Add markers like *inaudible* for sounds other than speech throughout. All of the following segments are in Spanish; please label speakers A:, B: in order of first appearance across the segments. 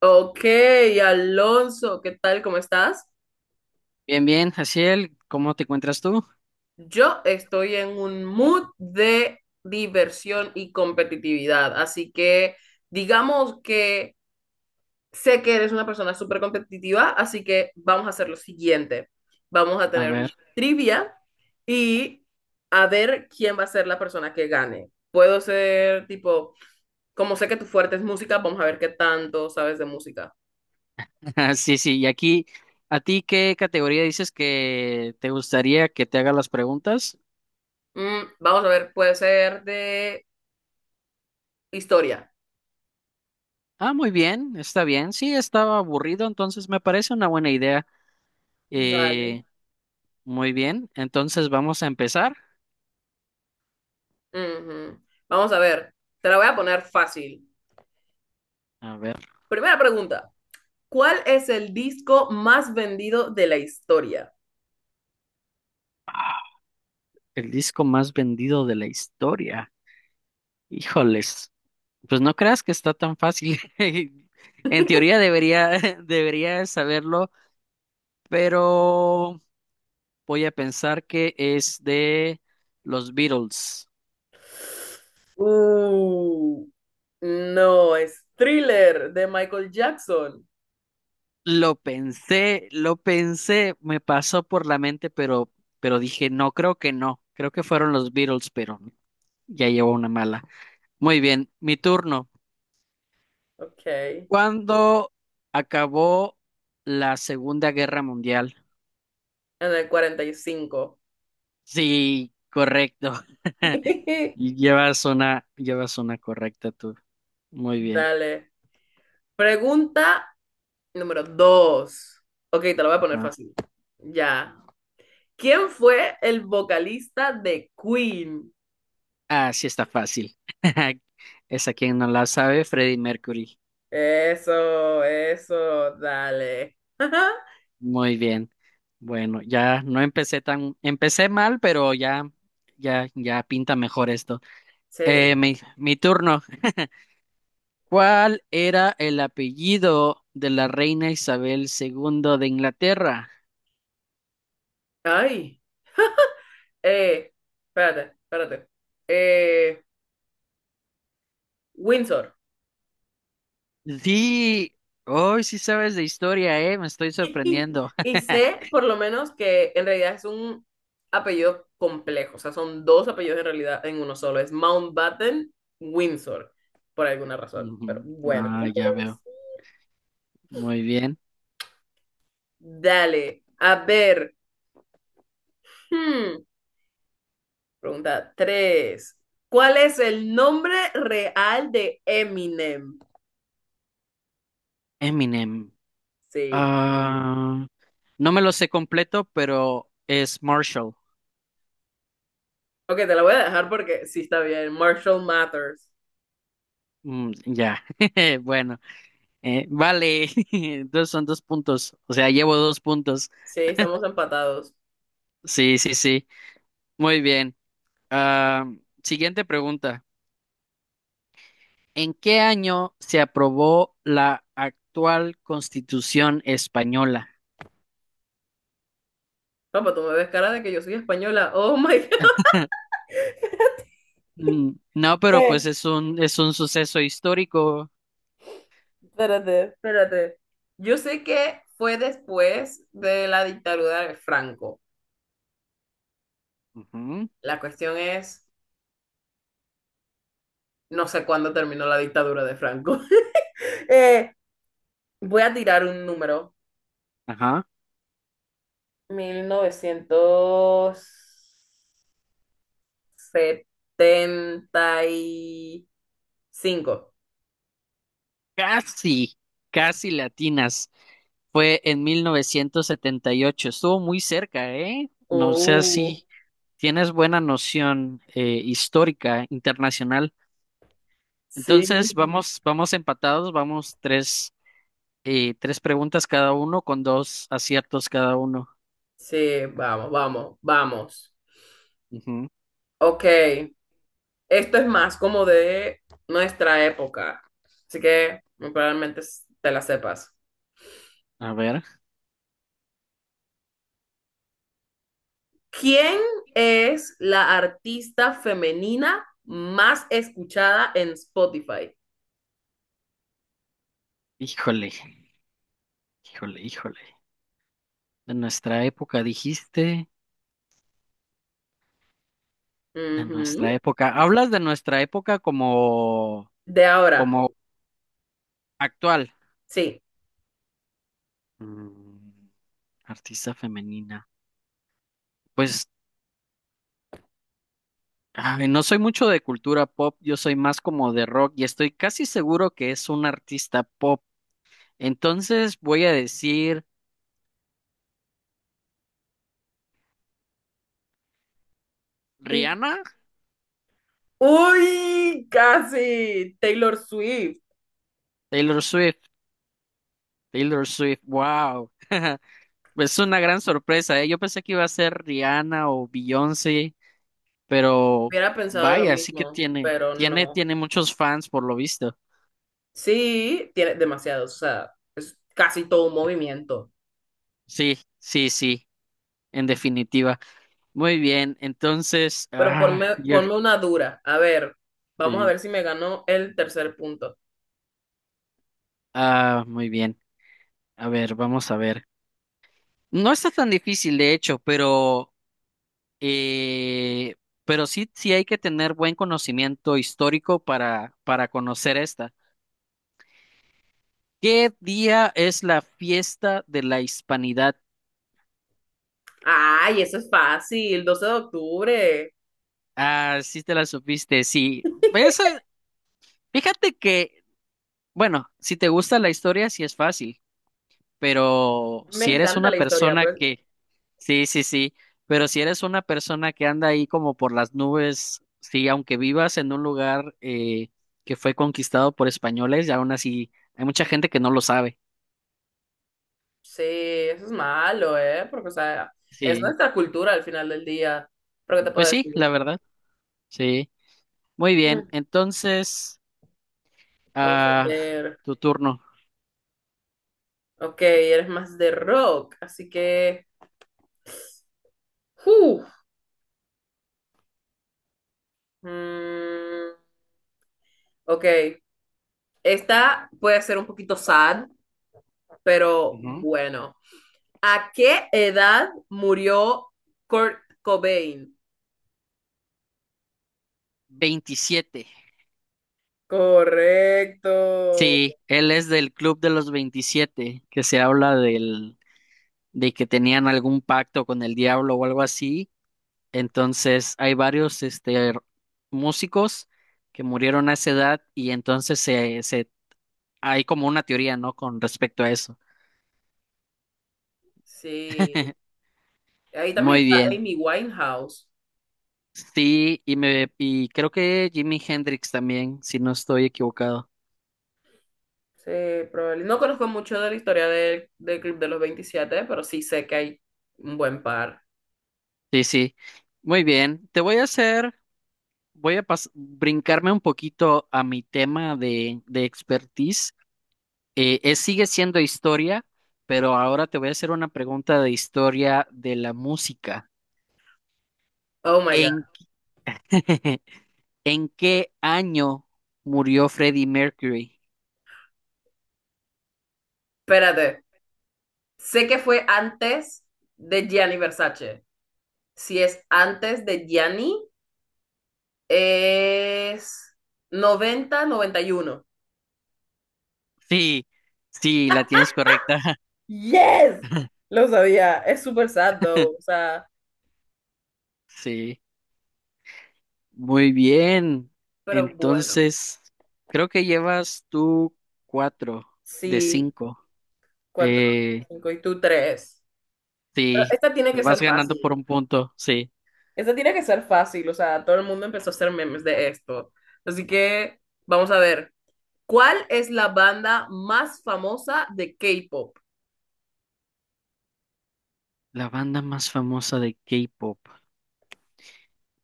A: Ok, Alonso, ¿qué tal? ¿Cómo estás?
B: Bien, bien, Jaciel, ¿cómo te encuentras tú?
A: Yo estoy en un mood de diversión y competitividad, así que digamos que sé que eres una persona súper competitiva, así que vamos a hacer lo siguiente. Vamos a
B: A
A: tener una
B: ver,
A: trivia y a ver quién va a ser la persona que gane. Puedo ser tipo, como sé que tu fuerte es música, vamos a ver qué tanto sabes de música.
B: *laughs* sí, sí, y aquí, ¿a ti qué categoría dices que te gustaría que te haga las preguntas?
A: Vamos a ver, puede ser de historia.
B: Ah, muy bien, está bien, sí, estaba aburrido, entonces me parece una buena idea.
A: Vale.
B: Eh, Muy bien, entonces vamos a empezar.
A: Ujú. Vamos a ver, te la voy a poner fácil.
B: A ver,
A: Primera pregunta, ¿cuál es el disco más vendido de la historia?
B: ah, el disco más vendido de la historia. Híjoles, pues no creas que está tan fácil. *laughs* En teoría debería, *laughs* debería saberlo, pero... Voy a pensar que es de los Beatles.
A: Uh, no, es Thriller de Michael Jackson.
B: Lo pensé, me pasó por la mente, pero dije, no, creo que no. Creo que fueron los Beatles, pero ya llevo una mala. Muy bien, mi turno.
A: Ok, en
B: ¿Cuándo acabó la Segunda Guerra Mundial?
A: el 45
B: Sí, correcto. *laughs*
A: *laughs*
B: Llevas una correcta tú. Muy bien.
A: Dale. Pregunta número dos. Ok, te la voy a poner
B: Ajá.
A: fácil. Ya. ¿Quién fue el vocalista de Queen?
B: Ah, sí está fácil. *laughs* Esa quien no la sabe, Freddie Mercury.
A: Eso, dale. *laughs*
B: Muy bien. Bueno, ya no empecé tan, empecé mal, pero ya, ya, ya pinta mejor esto.
A: Sí.
B: Mi turno. ¿Cuál era el apellido de la reina Isabel II de Inglaterra?
A: Ay, eh, espérate, espérate. Eh, Windsor.
B: Sí, hoy sí sabes de historia, me estoy
A: *laughs*
B: sorprendiendo.
A: Y sé,
B: *laughs*
A: por lo menos, que en realidad es un apellido complejo. O sea, son dos apellidos en realidad en uno solo. Es Mountbatten, Windsor, por alguna razón.
B: Ujú.
A: Pero bueno, ¿qué se
B: Ah, ya
A: puede
B: veo.
A: decir?
B: Muy bien.
A: Dale, a ver. hmm, Pregunta tres. ¿Cuál es el nombre real de Eminem?
B: Eminem.
A: Sí.
B: Ah, no me lo sé completo, pero es Marshall.
A: Ok, te la voy a dejar porque sí está bien. Marshall Matters.
B: Ya, *laughs* bueno, vale, *laughs* entonces son dos puntos, o sea, llevo dos puntos.
A: Sí, estamos empatados.
B: Sí, sí, sí, muy bien. Ah, siguiente pregunta. ¿En qué año se aprobó la actual Constitución española?
A: Papá, tú me ves cara de que yo soy española. Oh my God. *laughs*
B: Mm, no, pero
A: Eh,
B: pues es un suceso histórico.
A: Espérate. Espérate. Yo sé que fue después de la dictadura de Franco.
B: Ujú,
A: La cuestión es, no sé cuándo terminó la dictadura de Franco. *laughs* Eh, Voy a tirar un número.
B: ajá.
A: 1975.
B: Casi, casi latinas. Fue en 1978. Estuvo muy cerca, ¿eh? No sé
A: Uh.
B: si tienes buena noción histórica, internacional.
A: Sí,
B: Entonces, vamos, vamos empatados, vamos tres, tres preguntas cada uno con dos aciertos cada uno.
A: sí, vamos, vamos, vamos.
B: Ujú.
A: Ok, esto es más como de nuestra época, así que muy probablemente te la sepas.
B: A ver,
A: ¿Quién es la artista femenina más escuchada en Spotify?
B: híjole, híjole, híjole. De nuestra época dijiste, de nuestra
A: Ujú.
B: época. Hablas de nuestra época como,
A: De ahora,
B: como actual.
A: sí.
B: Mm, Artista femenina. Pues, ay, no soy mucho de cultura pop, yo soy más como de rock y estoy casi seguro que es un artista pop. Entonces voy a decir
A: Sí.
B: Rihanna,
A: Uy, casi. Taylor Swift.
B: Taylor Swift, Taylor Swift, wow. *laughs* Es una gran sorpresa, ¿eh? Yo pensé que iba a ser Rihanna o Beyoncé, pero
A: Hubiera pensado lo
B: vaya, sí que
A: mismo,
B: tiene,
A: pero
B: tiene,
A: no.
B: tiene muchos fans por lo visto.
A: Sí, tiene demasiados, o sea, es casi todo un movimiento.
B: Sí, sí, sí, en definitiva. Muy bien, entonces,
A: Pero ponme, ponme una dura. A ver, vamos a
B: sí,
A: ver si me ganó el tercer punto.
B: muy bien. A ver, vamos a ver. No está tan difícil, de hecho, eh, pero sí, sí hay que tener buen conocimiento histórico para conocer esta. ¿Qué día es la fiesta de la Hispanidad?
A: Ay, eso es fácil, 12 de octubre.
B: Ah, sí te la supiste, sí. Eso,
A: *laughs*
B: fíjate que, bueno, si te gusta la historia, sí es fácil. Pero
A: Me
B: si eres
A: encanta
B: una
A: la historia,
B: persona
A: pero
B: que, sí, sí, sí, pero si eres una persona que anda ahí como por las nubes, sí, aunque vivas en un lugar que fue conquistado por españoles, y aún así hay mucha gente que no lo sabe.
A: sí, eso es malo, ¿eh? Porque, o sea, es
B: Sí,
A: nuestra cultura al final del día. Pero, ¿qué te puedo
B: pues sí,
A: decir?
B: la verdad, sí. Muy bien,
A: Mm.
B: entonces,
A: Vamos a
B: ah,
A: ver.
B: tu turno.
A: Ok, eres más de rock, así que... ¡Uf! Mm, ok, esta puede ser un poquito sad, pero
B: Ujú.
A: bueno. ¿A qué edad murió Kurt Cobain?
B: 27.
A: Correcto.
B: Sí, él es del Club de los 27 que se habla del, de que tenían algún pacto con el diablo o algo así. Entonces, hay varios este, músicos que murieron a esa edad y entonces hay como una teoría, ¿no? Con respecto a eso.
A: Sí.
B: *laughs*
A: Ahí también
B: Muy
A: está
B: bien.
A: Amy Winehouse.
B: Sí, y creo que Jimi Hendrix también, si no estoy equivocado.
A: Sí, probablemente. No conozco mucho de la historia del Club de los 27, pero sí sé que hay un buen par.
B: Sí, sí. Muy bien. Te voy a hacer, Voy a brincarme un poquito a mi tema de expertise. Sigue siendo historia, pero ahora te voy a hacer una pregunta de historia de la música.
A: Oh my God.
B: ¿En *laughs* ¿En qué año murió Freddie Mercury?
A: Espérate. Sé que fue antes de Gianni Versace. Si es antes de Gianni, es noventa noventa y uno.
B: Sí, sí, la tienes correcta.
A: Yes,
B: *laughs*
A: lo sabía. Es súper sad, though. O sea,
B: Sí, muy bien.
A: pero bueno,
B: Entonces, creo que llevas tú cuatro de
A: sí,
B: cinco.
A: cuatro,
B: Eh,
A: cinco y tú tres. Pero
B: sí,
A: esta tiene
B: me
A: que
B: vas
A: ser
B: ganando por
A: fácil.
B: un punto. Sí,
A: Esta tiene que ser fácil. O sea, todo el mundo empezó a hacer memes de esto. Así que vamos a ver. ¿Cuál es la banda más famosa de K-pop?
B: la banda más famosa de K-pop.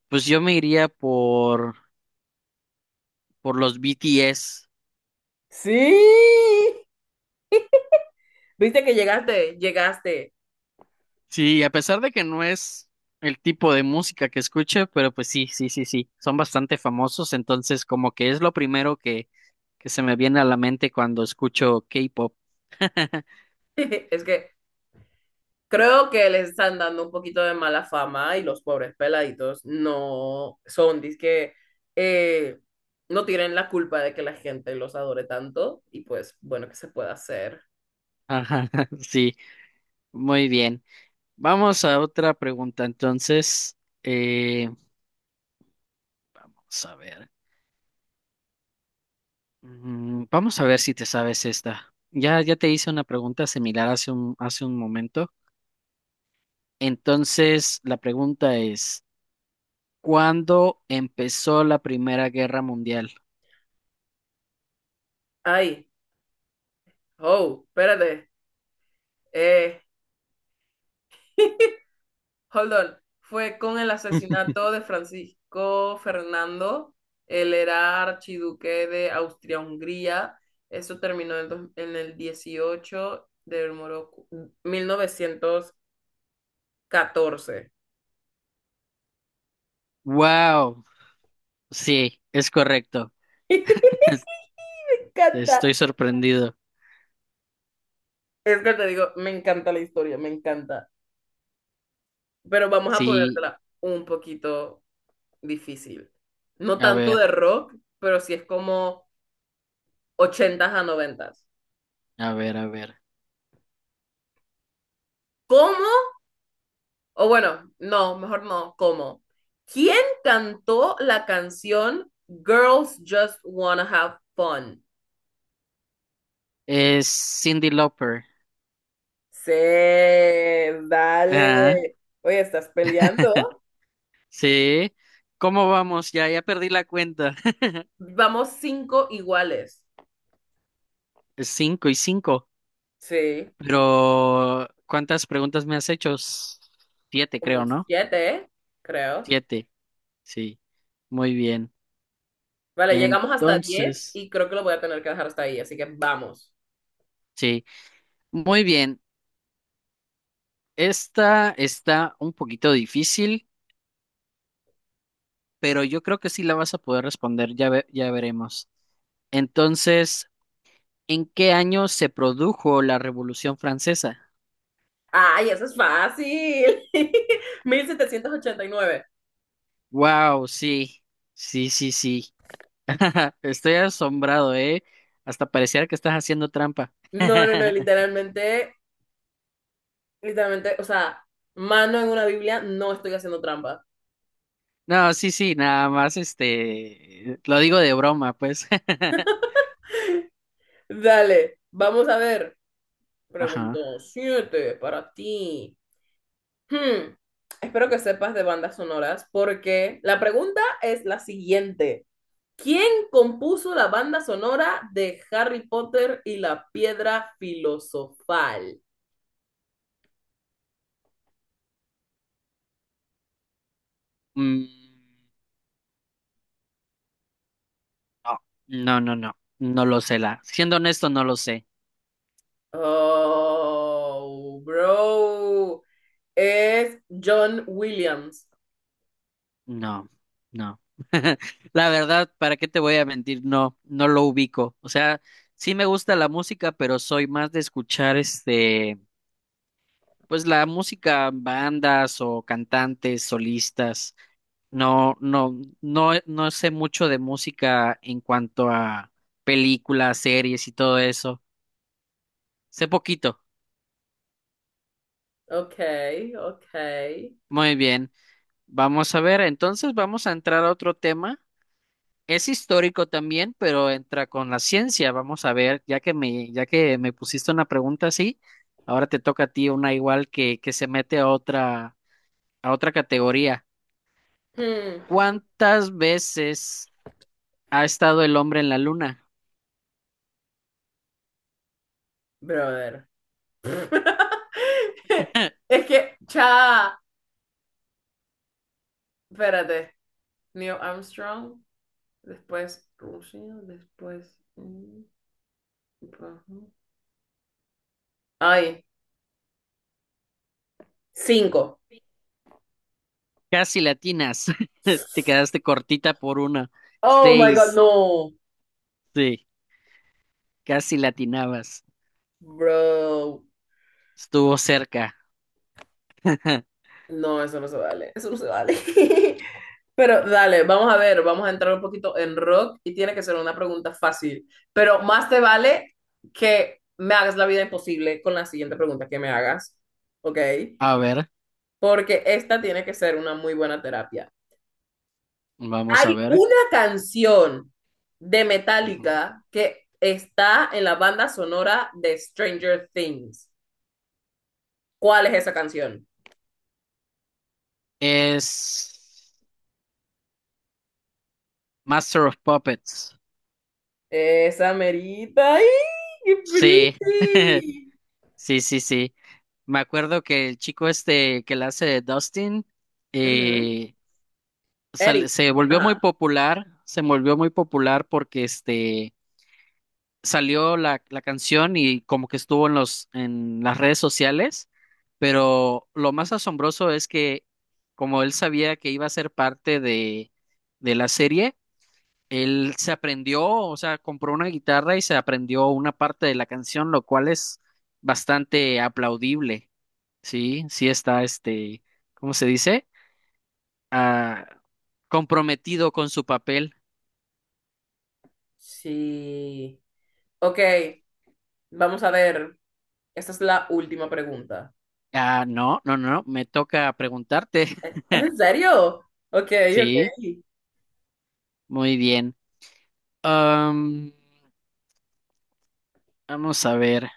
B: Pues yo me iría por los BTS.
A: Sí. Viste que llegaste, llegaste.
B: Sí, a pesar de que no es el tipo de música que escuche, pero pues sí, sí, sí, sí, son bastante famosos, entonces como que es lo primero que se me viene a la mente cuando escucho K-pop. *laughs*
A: *laughs* Es que creo que les están dando un poquito de mala fama y los pobres peladitos no son, que no tienen la culpa de que la gente los adore tanto y pues bueno, ¿qué se puede hacer?
B: Ajá, *laughs* sí, muy bien. Vamos a otra pregunta, entonces, eh, vamos a ver. Vamos a ver si te sabes esta. Ya, ya te hice una pregunta similar hace un momento, entonces la pregunta es... ¿Cuándo empezó la Primera Guerra Mundial?
A: Ay, oh, espérate, eh, *laughs* hold on, fue con el
B: *laughs*
A: asesinato de Francisco Fernando, él era archiduque de Austria-Hungría, eso terminó en, en el 18 de 1914.
B: Wow, sí, es correcto.
A: *laughs* Me
B: Es-
A: encanta.
B: Estoy sorprendido.
A: Es que te digo, me encanta la historia, me encanta. Pero vamos a
B: Sí,
A: ponértela un poquito difícil. No
B: a
A: tanto
B: ver,
A: de rock, pero sí es como ochentas a noventas.
B: a ver, a ver.
A: ¿Cómo? O bueno, no, mejor no, ¿cómo? ¿Quién cantó la canción Girls Just Wanna Have Fun?
B: Es Cindy Lauper.
A: Sí,
B: Ah,
A: dale. Oye, ¿estás peleando?
B: sí. ¿Cómo vamos? Ya, ya perdí la cuenta. *laughs*
A: Vamos cinco iguales.
B: Es cinco y cinco.
A: Sí.
B: Pero, ¿cuántas preguntas me has hecho? Siete,
A: Como
B: creo, ¿no?
A: siete, creo.
B: Siete, sí. Muy bien.
A: Vale, llegamos hasta 10
B: Entonces,
A: y creo que lo voy a tener que dejar hasta ahí, así que vamos.
B: sí. Muy bien. Esta está un poquito difícil, pero yo creo que sí la vas a poder responder, ya veremos. Entonces, ¿en qué año se produjo la Revolución Francesa?
A: ¡Ay, eso es fácil! *laughs* 1789.
B: Wow, sí, sí, sí, sí. *laughs* Estoy asombrado, ¿eh? Hasta pareciera que estás haciendo trampa.
A: No, no, no,
B: *laughs*
A: literalmente, literalmente, o sea, mano en una Biblia, no estoy haciendo trampa.
B: No, sí, sí, nada más, este, lo digo de broma, pues. *laughs*
A: Dale, vamos a ver.
B: Ajá.
A: Pregunto siete para ti. Hmm, Espero que sepas de bandas sonoras porque la pregunta es la siguiente. ¿Quién compuso la banda sonora de Harry Potter y la piedra filosofal?
B: Mm, no, no, no, no, no lo sé, la. Siendo honesto, no lo sé.
A: Oh, bro. Es John Williams.
B: No, no. *laughs* La verdad, ¿para qué te voy a mentir? No, no lo ubico. O sea, sí me gusta la música, pero soy más de escuchar este, pues la música, bandas o cantantes, solistas. No, no, no, no sé mucho de música en cuanto a películas, series y todo eso. Sé poquito.
A: Ok, ok.
B: Muy bien. Vamos a ver, entonces vamos a entrar a otro tema. Es histórico también, pero entra con la ciencia. Vamos a ver, ya que me pusiste una pregunta así, ahora te toca a ti una igual que se mete a otra categoría.
A: Hmm,
B: ¿Cuántas veces ha estado el hombre en la luna?
A: brother. *laughs* Es que, cha, espérate. Neil Armstrong, después Rusia, después. Ay, cinco.
B: Casi latinas. *laughs* Te quedaste cortita por una.
A: Oh my God,
B: Seis.
A: no.
B: Sí, casi latinabas.
A: Bro,
B: Estuvo cerca. *laughs*
A: no, eso no se vale, eso no se vale. *laughs* Pero dale, vamos a ver, vamos a entrar un poquito en rock y tiene que ser una pregunta fácil, pero más te vale que me hagas la vida imposible con la siguiente pregunta que me hagas, ¿ok?
B: A ver,
A: Porque esta tiene que ser una muy buena terapia.
B: vamos
A: Hay
B: a ver.
A: una canción de
B: Ujú.
A: Metallica que está en la banda sonora de Stranger Things. ¿Cuál es esa canción?
B: Es Master of Puppets.
A: Esa merita. ¡Ay, qué
B: Sí, *laughs*
A: pretty!
B: sí, sí, sí. Me acuerdo que el chico este que la hace de Dustin
A: Ujú.
B: eh,
A: Eri.
B: se volvió muy
A: Ajá.
B: popular, se volvió muy popular porque este salió la canción y como que estuvo en los en las redes sociales, pero lo más asombroso es que como él sabía que iba a ser parte de la serie él se aprendió, o sea, compró una guitarra y se aprendió una parte de la canción, lo cual es bastante aplaudible, ¿sí? Sí está, este, ¿cómo se dice? Ah, comprometido con su papel.
A: Sí. Ok, vamos a ver. Esta es la última pregunta.
B: Ah, no, no, no, me toca preguntarte.
A: ¿Es
B: *laughs*
A: es en serio? Ok, ok.
B: Sí, muy bien. Am, Vamos a ver.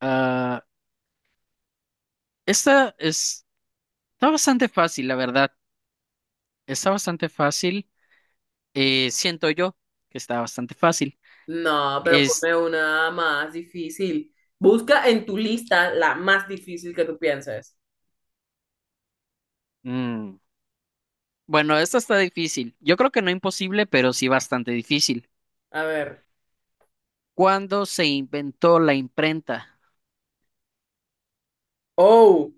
B: Ah, esta es, está bastante fácil, la verdad. Está bastante fácil. Siento yo que está bastante fácil.
A: No, pero
B: Es,
A: ponme una más difícil. Busca en tu lista la más difícil que tú pienses.
B: mm, Bueno, esta está difícil. Yo creo que no imposible, pero sí bastante difícil.
A: A ver.
B: ¿Cuándo se inventó la imprenta?
A: Oh,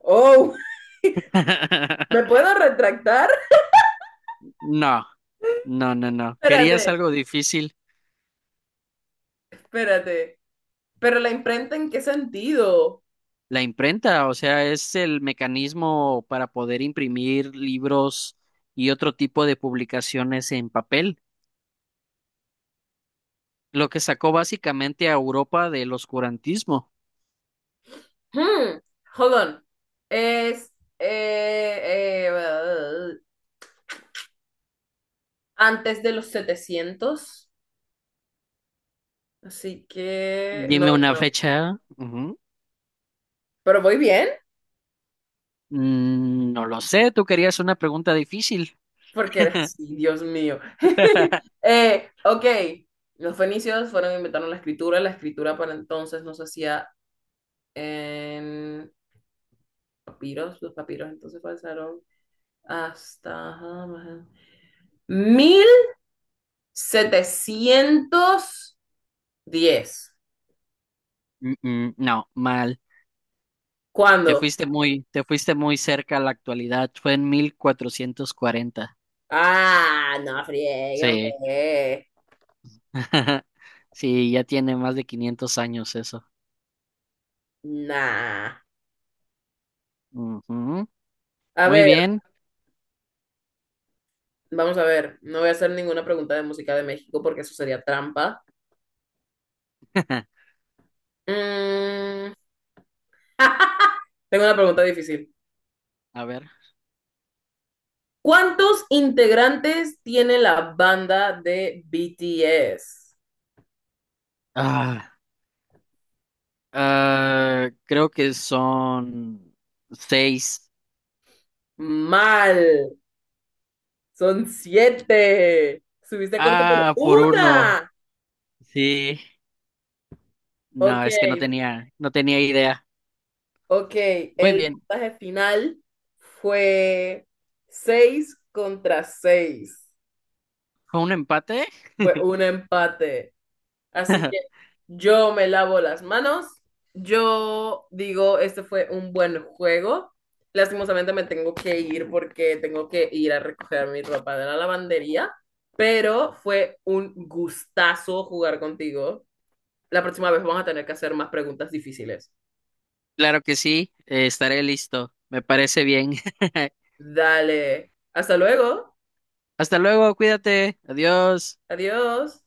A: oh. *laughs* ¿Me
B: *laughs*
A: puedo retractar?
B: No, no, no, no. ¿Querías
A: Espérate,
B: algo difícil?
A: espérate. ¿Pero la imprenta en qué sentido?
B: La imprenta, o sea, es el mecanismo para poder imprimir libros y otro tipo de publicaciones en papel, lo que sacó básicamente a Europa del oscurantismo.
A: Hmm, hold on. Es eh, eh, uh, antes de los 700, así que no,
B: Dime una
A: no.
B: fecha. Ujú.
A: Pero voy bien,
B: No lo sé, tú querías una pregunta difícil.
A: porque eres así, Dios mío.
B: *laughs*
A: Ok, los fenicios fueron e inventaron la escritura. La escritura para entonces no se hacía en papiros. Los papiros entonces pasaron hasta ajá, 1710.
B: No, mal. Te
A: ¿Cuándo?
B: fuiste muy, te fuiste muy cerca a la actualidad. Fue en 1440.
A: Ah, no friegue,
B: Sí.
A: hombre.
B: *laughs* Sí, ya tiene más de 500 años eso.
A: Nah.
B: Ujú.
A: A
B: Muy
A: ver,
B: bien.
A: vamos a ver. No voy a hacer ninguna pregunta de música de México porque eso sería trampa.
B: *laughs*
A: Mm, *laughs* Tengo una pregunta difícil.
B: A ver.
A: ¿Cuántos integrantes tiene la banda de BTS?
B: Ah, Creo que son seis.
A: Mal. Son siete. Subiste corto por
B: Ah, por uno.
A: una.
B: Sí.
A: Ok,
B: No, es que no tenía idea.
A: ok.
B: Muy
A: El
B: bien.
A: puntaje final fue seis contra seis.
B: ¿Fue un empate?
A: Fue un empate. Así que
B: *laughs*
A: yo me lavo las manos. Yo digo, este fue un buen juego. Lastimosamente me tengo que ir porque tengo que ir a recoger mi ropa de la lavandería, pero fue un gustazo jugar contigo. La próxima vez vamos a tener que hacer más preguntas difíciles.
B: Claro que sí. Estaré listo. Me parece bien. *laughs*
A: Dale. Hasta luego.
B: Hasta luego, cuídate, adiós.
A: Adiós.